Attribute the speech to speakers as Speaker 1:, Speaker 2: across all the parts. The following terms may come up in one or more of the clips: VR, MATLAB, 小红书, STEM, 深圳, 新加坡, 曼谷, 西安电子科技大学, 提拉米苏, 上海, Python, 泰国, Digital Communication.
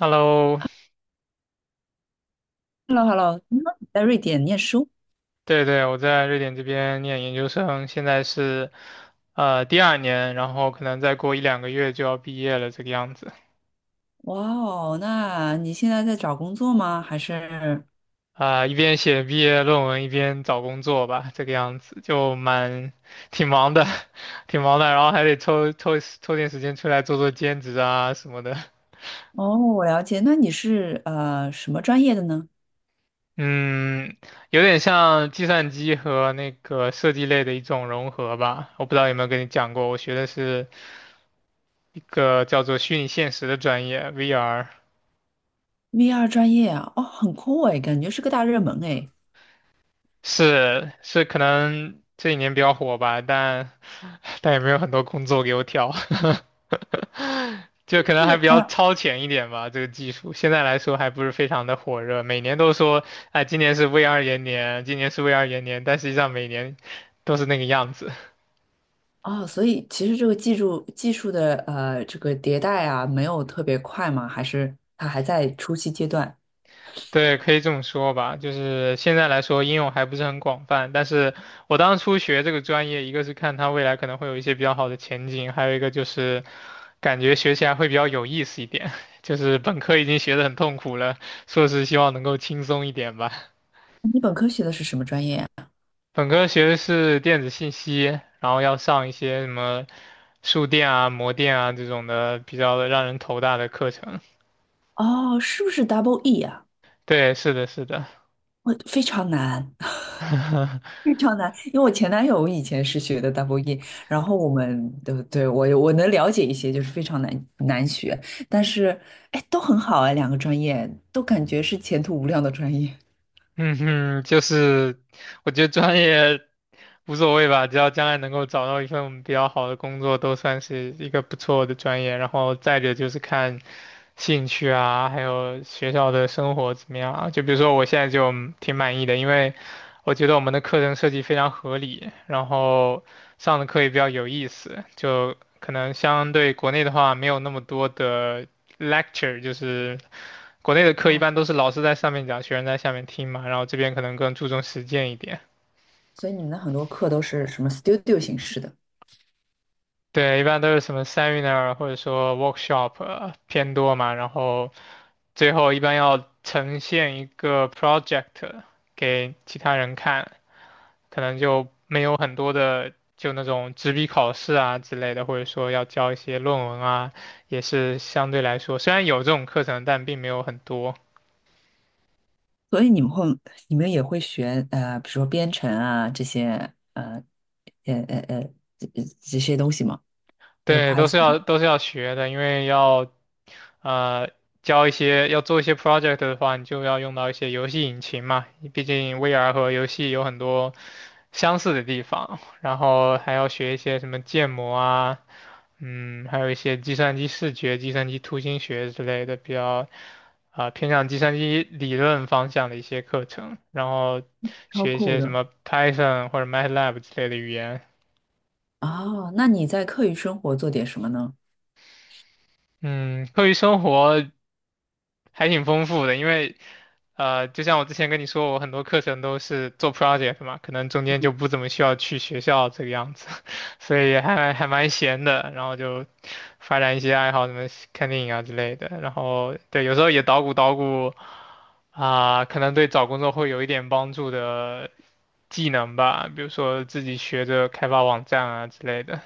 Speaker 1: Hello，
Speaker 2: Hello,Hello,听说你在瑞典念书。
Speaker 1: 对对，我在瑞典这边念研究生，现在是第 2 年，然后可能再过1 2 个月就要毕业了，这个样子。
Speaker 2: 哇哦，那你现在在找工作吗？还是？
Speaker 1: 啊、一边写毕业论文，一边找工作吧，这个样子就挺忙的，挺忙的，然后还得抽点时间出来做做兼职啊什么的。
Speaker 2: 哦，我了解。那你是什么专业的呢
Speaker 1: 嗯，有点像计算机和那个设计类的一种融合吧，我不知道有没有跟你讲过，我学的是。一个叫做虚拟现实的专业，VR
Speaker 2: ？VR 专业啊，哦，很酷哎，感觉是个大热门哎。
Speaker 1: 是可能这几年比较火吧，但 但也没有很多工作给我挑，就可能还
Speaker 2: 是，
Speaker 1: 比较
Speaker 2: 嗯。
Speaker 1: 超前一点吧。这个技术现在来说还不是非常的火热，每年都说哎，今年是 VR 元年，今年是 VR 元年，但实际上每年都是那个样子。
Speaker 2: 哦，所以其实这个技术的这个迭代啊，没有特别快吗？还是它还在初期阶段？
Speaker 1: 对，可以这么说吧。就是现在来说，应用还不是很广泛。但是我当初学这个专业，一个是看它未来可能会有一些比较好的前景，还有一个就是感觉学起来会比较有意思一点。就是本科已经学得很痛苦了，硕士希望能够轻松一点吧。
Speaker 2: 你本科学的是什么专业啊？
Speaker 1: 本科学的是电子信息，然后要上一些什么数电啊、模电啊这种的比较让人头大的课程。
Speaker 2: 哦，是不是 Double E 啊？
Speaker 1: 对，是的，是的。
Speaker 2: 我非常难。非常难，因为我前男友以前是学的 double E，然后我们对我能了解一些，就是非常难学，但是哎都很好哎，两个专业都感觉是前途无量的专业。
Speaker 1: 嗯哼，就是我觉得专业无所谓吧，只要将来能够找到一份比较好的工作，都算是一个不错的专业。然后再者就是看兴趣啊，还有学校的生活怎么样啊。就比如说我现在就挺满意的，因为我觉得我们的课程设计非常合理，然后上的课也比较有意思，就可能相对国内的话没有那么多的 lecture，就是。国内的课一
Speaker 2: 啊，
Speaker 1: 般都是老师在上面讲，学生在下面听嘛，然后这边可能更注重实践一点。
Speaker 2: 所以你们的很多课都是什么 studio 形式的。
Speaker 1: 对，一般都是什么 seminar 或者说 workshop 偏多嘛，然后最后一般要呈现一个 project 给其他人看，可能就没有很多的就那种纸笔考试啊之类的，或者说要交一些论文啊，也是相对来说虽然有这种课程，但并没有很多。
Speaker 2: 所以你们会，你们也会学比如说编程啊这些呃呃呃这这些东西吗？e
Speaker 1: 对，都是要
Speaker 2: Python
Speaker 1: 都是要学的，因为要呃教一些要做一些 project 的话，你就要用到一些游戏引擎嘛，毕竟 VR 和游戏有很多相似的地方，然后还要学一些什么建模啊，嗯，还有一些计算机视觉、计算机图形学之类的比较。啊、偏向计算机理论方向的一些课程，然后
Speaker 2: 超
Speaker 1: 学一
Speaker 2: 酷
Speaker 1: 些什
Speaker 2: 的。
Speaker 1: 么 Python 或者 MATLAB 之类的语言。
Speaker 2: 哦，那你在课余生活做点什么呢？
Speaker 1: 嗯，课余生活。还挺丰富的，因为就像我之前跟你说，我很多课程都是做 project 嘛，可能中间就不怎么需要去学校这个样子，所以还蛮闲的，然后就发展一些爱好，什么看电影啊之类的，然后对，有时候也捣鼓捣鼓啊，可能对找工作会有一点帮助的技能吧，比如说自己学着开发网站啊之类的，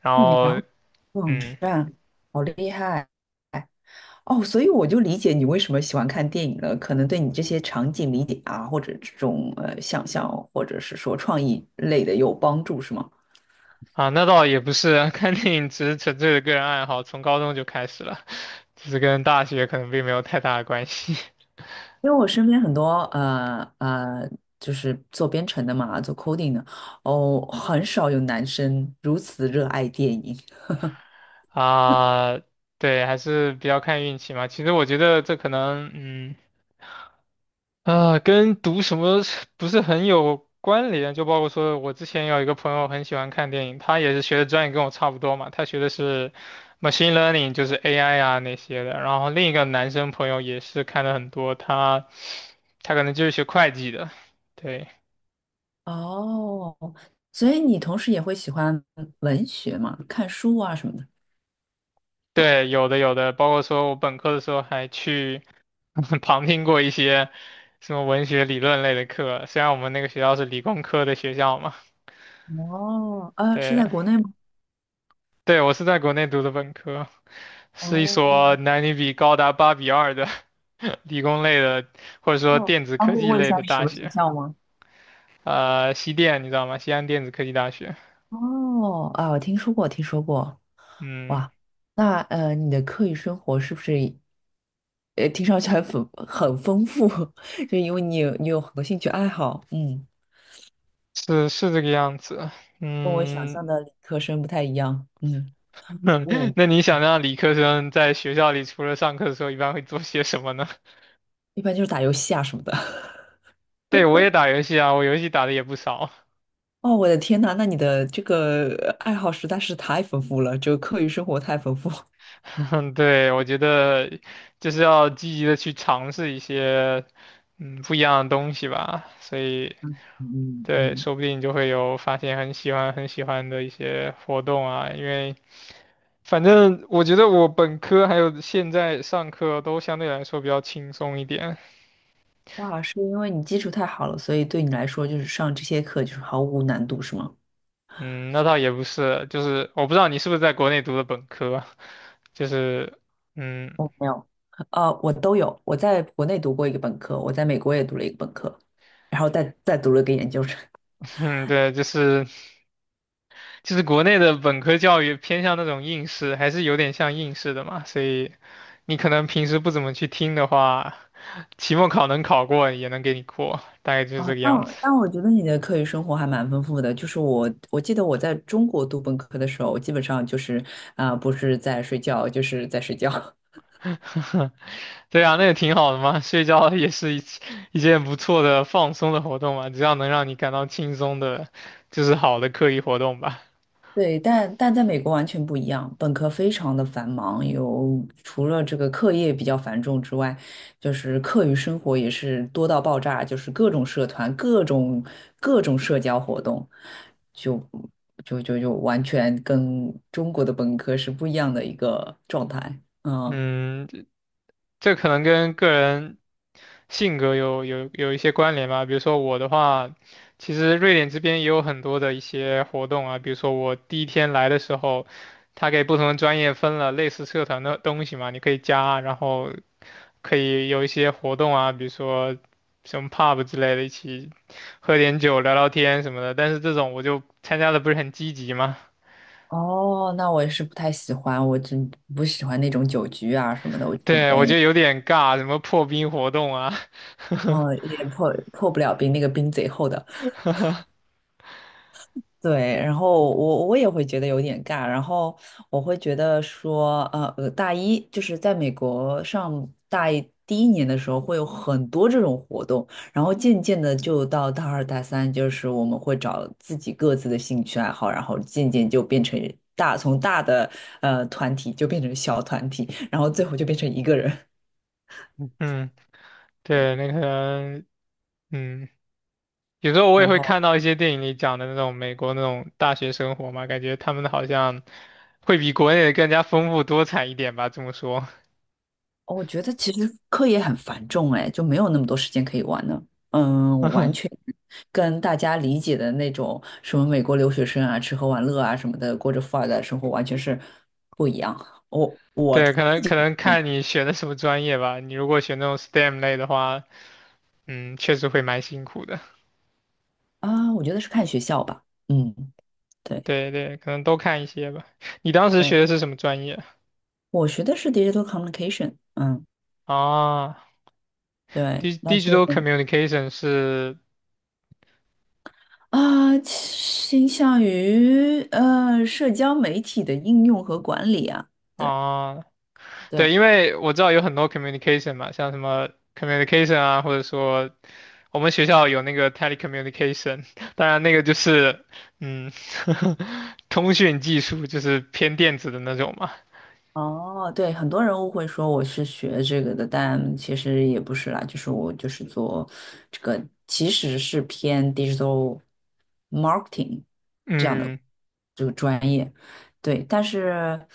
Speaker 1: 然
Speaker 2: 哦，你还
Speaker 1: 后
Speaker 2: 会网
Speaker 1: 嗯。
Speaker 2: 站，好厉害。哦，所以我就理解你为什么喜欢看电影了，可能对你这些场景理解啊，或者这种想象，或者是说创意类的有帮助，是吗？
Speaker 1: 啊，那倒也不是啊，看电影只是纯粹的个人爱好，从高中就开始了，只是跟大学可能并没有太大的关系
Speaker 2: 因为我身边很多呃呃，就是做编程的嘛，做 coding 的。哦，很少有男生如此热爱电影。
Speaker 1: 啊。对，还是比较看运气嘛。其实我觉得这可能，嗯，啊，跟读什么不是很有关联。就包括说我之前有一个朋友很喜欢看电影，他也是学的专业跟我差不多嘛，他学的是 machine learning，就是 AI 啊那些的。然后另一个男生朋友也是看的很多，他可能就是学会计的，对。
Speaker 2: 哦，所以你同时也会喜欢文学嘛，看书啊什么的。
Speaker 1: 对，有的有的，包括说我本科的时候还去 旁听过一些什么文学理论类的课，虽然我们那个学校是理工科的学校嘛。
Speaker 2: 哦，呃，是
Speaker 1: 对，
Speaker 2: 在国内吗？
Speaker 1: 对，我是在国内读的本科，是一
Speaker 2: 哦。
Speaker 1: 所男女比高达8 比 2的 理工类的，或者说
Speaker 2: 哦，
Speaker 1: 电子
Speaker 2: 方
Speaker 1: 科
Speaker 2: 便
Speaker 1: 技
Speaker 2: 问一
Speaker 1: 类
Speaker 2: 下
Speaker 1: 的
Speaker 2: 是什
Speaker 1: 大
Speaker 2: 么学
Speaker 1: 学。
Speaker 2: 校吗？
Speaker 1: 呃，西电你知道吗？西安电子科技大学。
Speaker 2: 哦，啊，我听说过，听说过。
Speaker 1: 嗯，
Speaker 2: 哇，那呃，你的课余生活是不是，呃，听上去还很丰富。就因为你有很多兴趣爱好，嗯。
Speaker 1: 是是这个样子。
Speaker 2: 跟我想
Speaker 1: 嗯，
Speaker 2: 象的理科生不太一样，嗯嗯。我
Speaker 1: 那你想让理科生在学校里除了上课的时候，一般会做些什么呢？
Speaker 2: 一般就是打游戏啊什么的。
Speaker 1: 对，我也打游戏啊，我游戏打的也不少。
Speaker 2: 哦，我的天呐，那你的这个爱好实在是太丰富了，就课余生活太丰富。
Speaker 1: 对，我觉得就是要积极的去尝试一些不一样的东西吧，所以
Speaker 2: 嗯嗯
Speaker 1: 对，
Speaker 2: 嗯。
Speaker 1: 说不定就会有发现很喜欢的一些活动啊。因为反正我觉得我本科还有现在上课都相对来说比较轻松一点。
Speaker 2: 哇，是因为你基础太好了，所以对你来说就是上这些课就是毫无难度，是吗？
Speaker 1: 嗯，那倒也不是，就是我不知道你是不是在国内读的本科，就是嗯
Speaker 2: 呃，我都有，我在国内读过一个本科，我在美国也读了一个本科，然后再读了个研究生。
Speaker 1: 嗯，对，就是。就是国内的本科教育偏向那种应试，还是有点像应试的嘛，所以你可能平时不怎么去听的话，期末考能考过也能给你过，大概就是这
Speaker 2: 哦，
Speaker 1: 个
Speaker 2: 但
Speaker 1: 样子。
Speaker 2: 我但我觉得你的课余生活还蛮丰富的。就是我记得我在中国读本科的时候，基本上就是啊、不是在睡觉，就是在睡觉。
Speaker 1: 对啊，那也挺好的嘛，睡觉也是一件不错的放松的活动嘛，只要能让你感到轻松的，就是好的课余活动吧。
Speaker 2: 对，但在美国完全不一样，本科非常的繁忙，有除了这个课业比较繁重之外，就是课余生活也是多到爆炸，就是各种社团、各种社交活动，就就完全跟中国的本科是不一样的一个状态。嗯。
Speaker 1: 嗯，这可能跟个人性格有一些关联吧。比如说我的话，其实瑞典这边也有很多的一些活动啊。比如说我第 1 天来的时候，他给不同的专业分了类似社团的东西嘛，你可以加，然后可以有一些活动啊，比如说什么 pub 之类的，一起喝点酒、聊聊天什么的。但是这种我就参加的不是很积极嘛，
Speaker 2: 哦，那我也是不太喜欢，我真不喜欢那种酒局啊什么的，我就准
Speaker 1: 对，我觉
Speaker 2: 备，
Speaker 1: 得有点尬，什么破冰活动啊，
Speaker 2: 嗯，也破不了冰，那个冰贼厚的。对，然后我也会觉得有点尬，然后我会觉得说，大一就是在美国上大一第一年的时候会有很多这种活动，然后渐渐的就到大二大三，就是我们会找自己各自的兴趣爱好，然后渐渐就变成大，从大的团体就变成小团体，然后最后就变成一个人。
Speaker 1: 嗯。对，那可能，嗯，有 时候我也
Speaker 2: 然
Speaker 1: 会
Speaker 2: 后
Speaker 1: 看到一些电影里讲的那种美国那种大学生活嘛，感觉他们好像会比国内的更加丰富多彩一点吧，这么说。
Speaker 2: 我觉得其实课业很繁重，哎，就没有那么多时间可以玩呢。嗯，完全 跟大家理解的那种什么美国留学生啊，吃喝玩乐啊什么的，过着富二代的生活，完全是不一样。我
Speaker 1: 对，
Speaker 2: 自
Speaker 1: 可能可
Speaker 2: 己
Speaker 1: 能看你选的什么专业吧。你如果选那种 STEM 类的话，嗯，确实会蛮辛苦的。
Speaker 2: 啊，我觉得是看学校吧。嗯，对
Speaker 1: 对对，可能都看一些吧。你当时
Speaker 2: 对，
Speaker 1: 学的是什么专业
Speaker 2: 我学的是 digital communication。嗯，
Speaker 1: 啊
Speaker 2: 对，那是
Speaker 1: Digital Communication 是
Speaker 2: 啊，倾向于社交媒体的应用和管理啊。对
Speaker 1: 啊，对，
Speaker 2: 对。
Speaker 1: 因为我知道有很多 communication 嘛，像什么 communication 啊，或者说我们学校有那个 telecommunication，当然那个就是嗯，通讯技术就是偏电子的那种嘛。
Speaker 2: 哦，对，很多人误会说我是学这个的，但其实也不是啦，就是我就是做这个，其实是偏 digital marketing 这样的
Speaker 1: 嗯，
Speaker 2: 这个专业。对，但是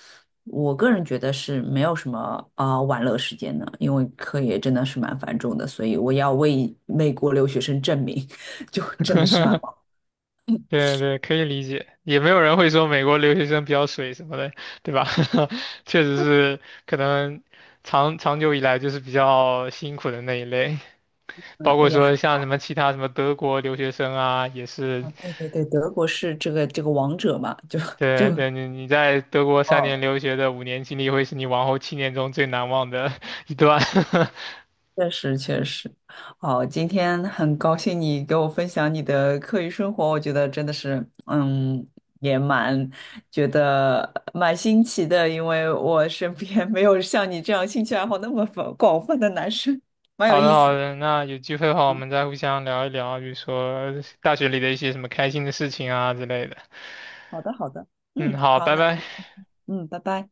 Speaker 2: 我个人觉得是没有什么啊、玩乐时间的，因为课业真的是蛮繁重的，所以我要为美国留学生证明，就真的是蛮忙。
Speaker 1: 对对，可以理解，也没有人会说美国留学生比较水什么的，对吧？确实是可能长长久以来就是比较辛苦的那一类，包
Speaker 2: 嗯，
Speaker 1: 括
Speaker 2: 哎
Speaker 1: 说
Speaker 2: 呀，
Speaker 1: 像什么其他什么德国留学生啊，也是
Speaker 2: 对对对，德国是这个王者嘛，就
Speaker 1: 对
Speaker 2: 就。
Speaker 1: 对，你你在德国3 年
Speaker 2: 哦。
Speaker 1: 留学的5 年经历，会是你往后7 年中最难忘的 一段。
Speaker 2: 确实确实。哦，今天很高兴你给我分享你的课余生活，我觉得真的是，嗯，也蛮觉得蛮新奇的，因为我身边 没有像你这样兴趣爱好那么广泛的男生，蛮有
Speaker 1: 好的
Speaker 2: 意思
Speaker 1: 好
Speaker 2: 的。
Speaker 1: 的，那有机会的话，我
Speaker 2: 嗯，
Speaker 1: 们再互相聊一聊，比如说大学里的一些什么开心的事情啊之类的。
Speaker 2: 好的好的，
Speaker 1: 嗯，
Speaker 2: 嗯，
Speaker 1: 好，
Speaker 2: 好，
Speaker 1: 拜
Speaker 2: 那就
Speaker 1: 拜。
Speaker 2: 嗯，拜拜。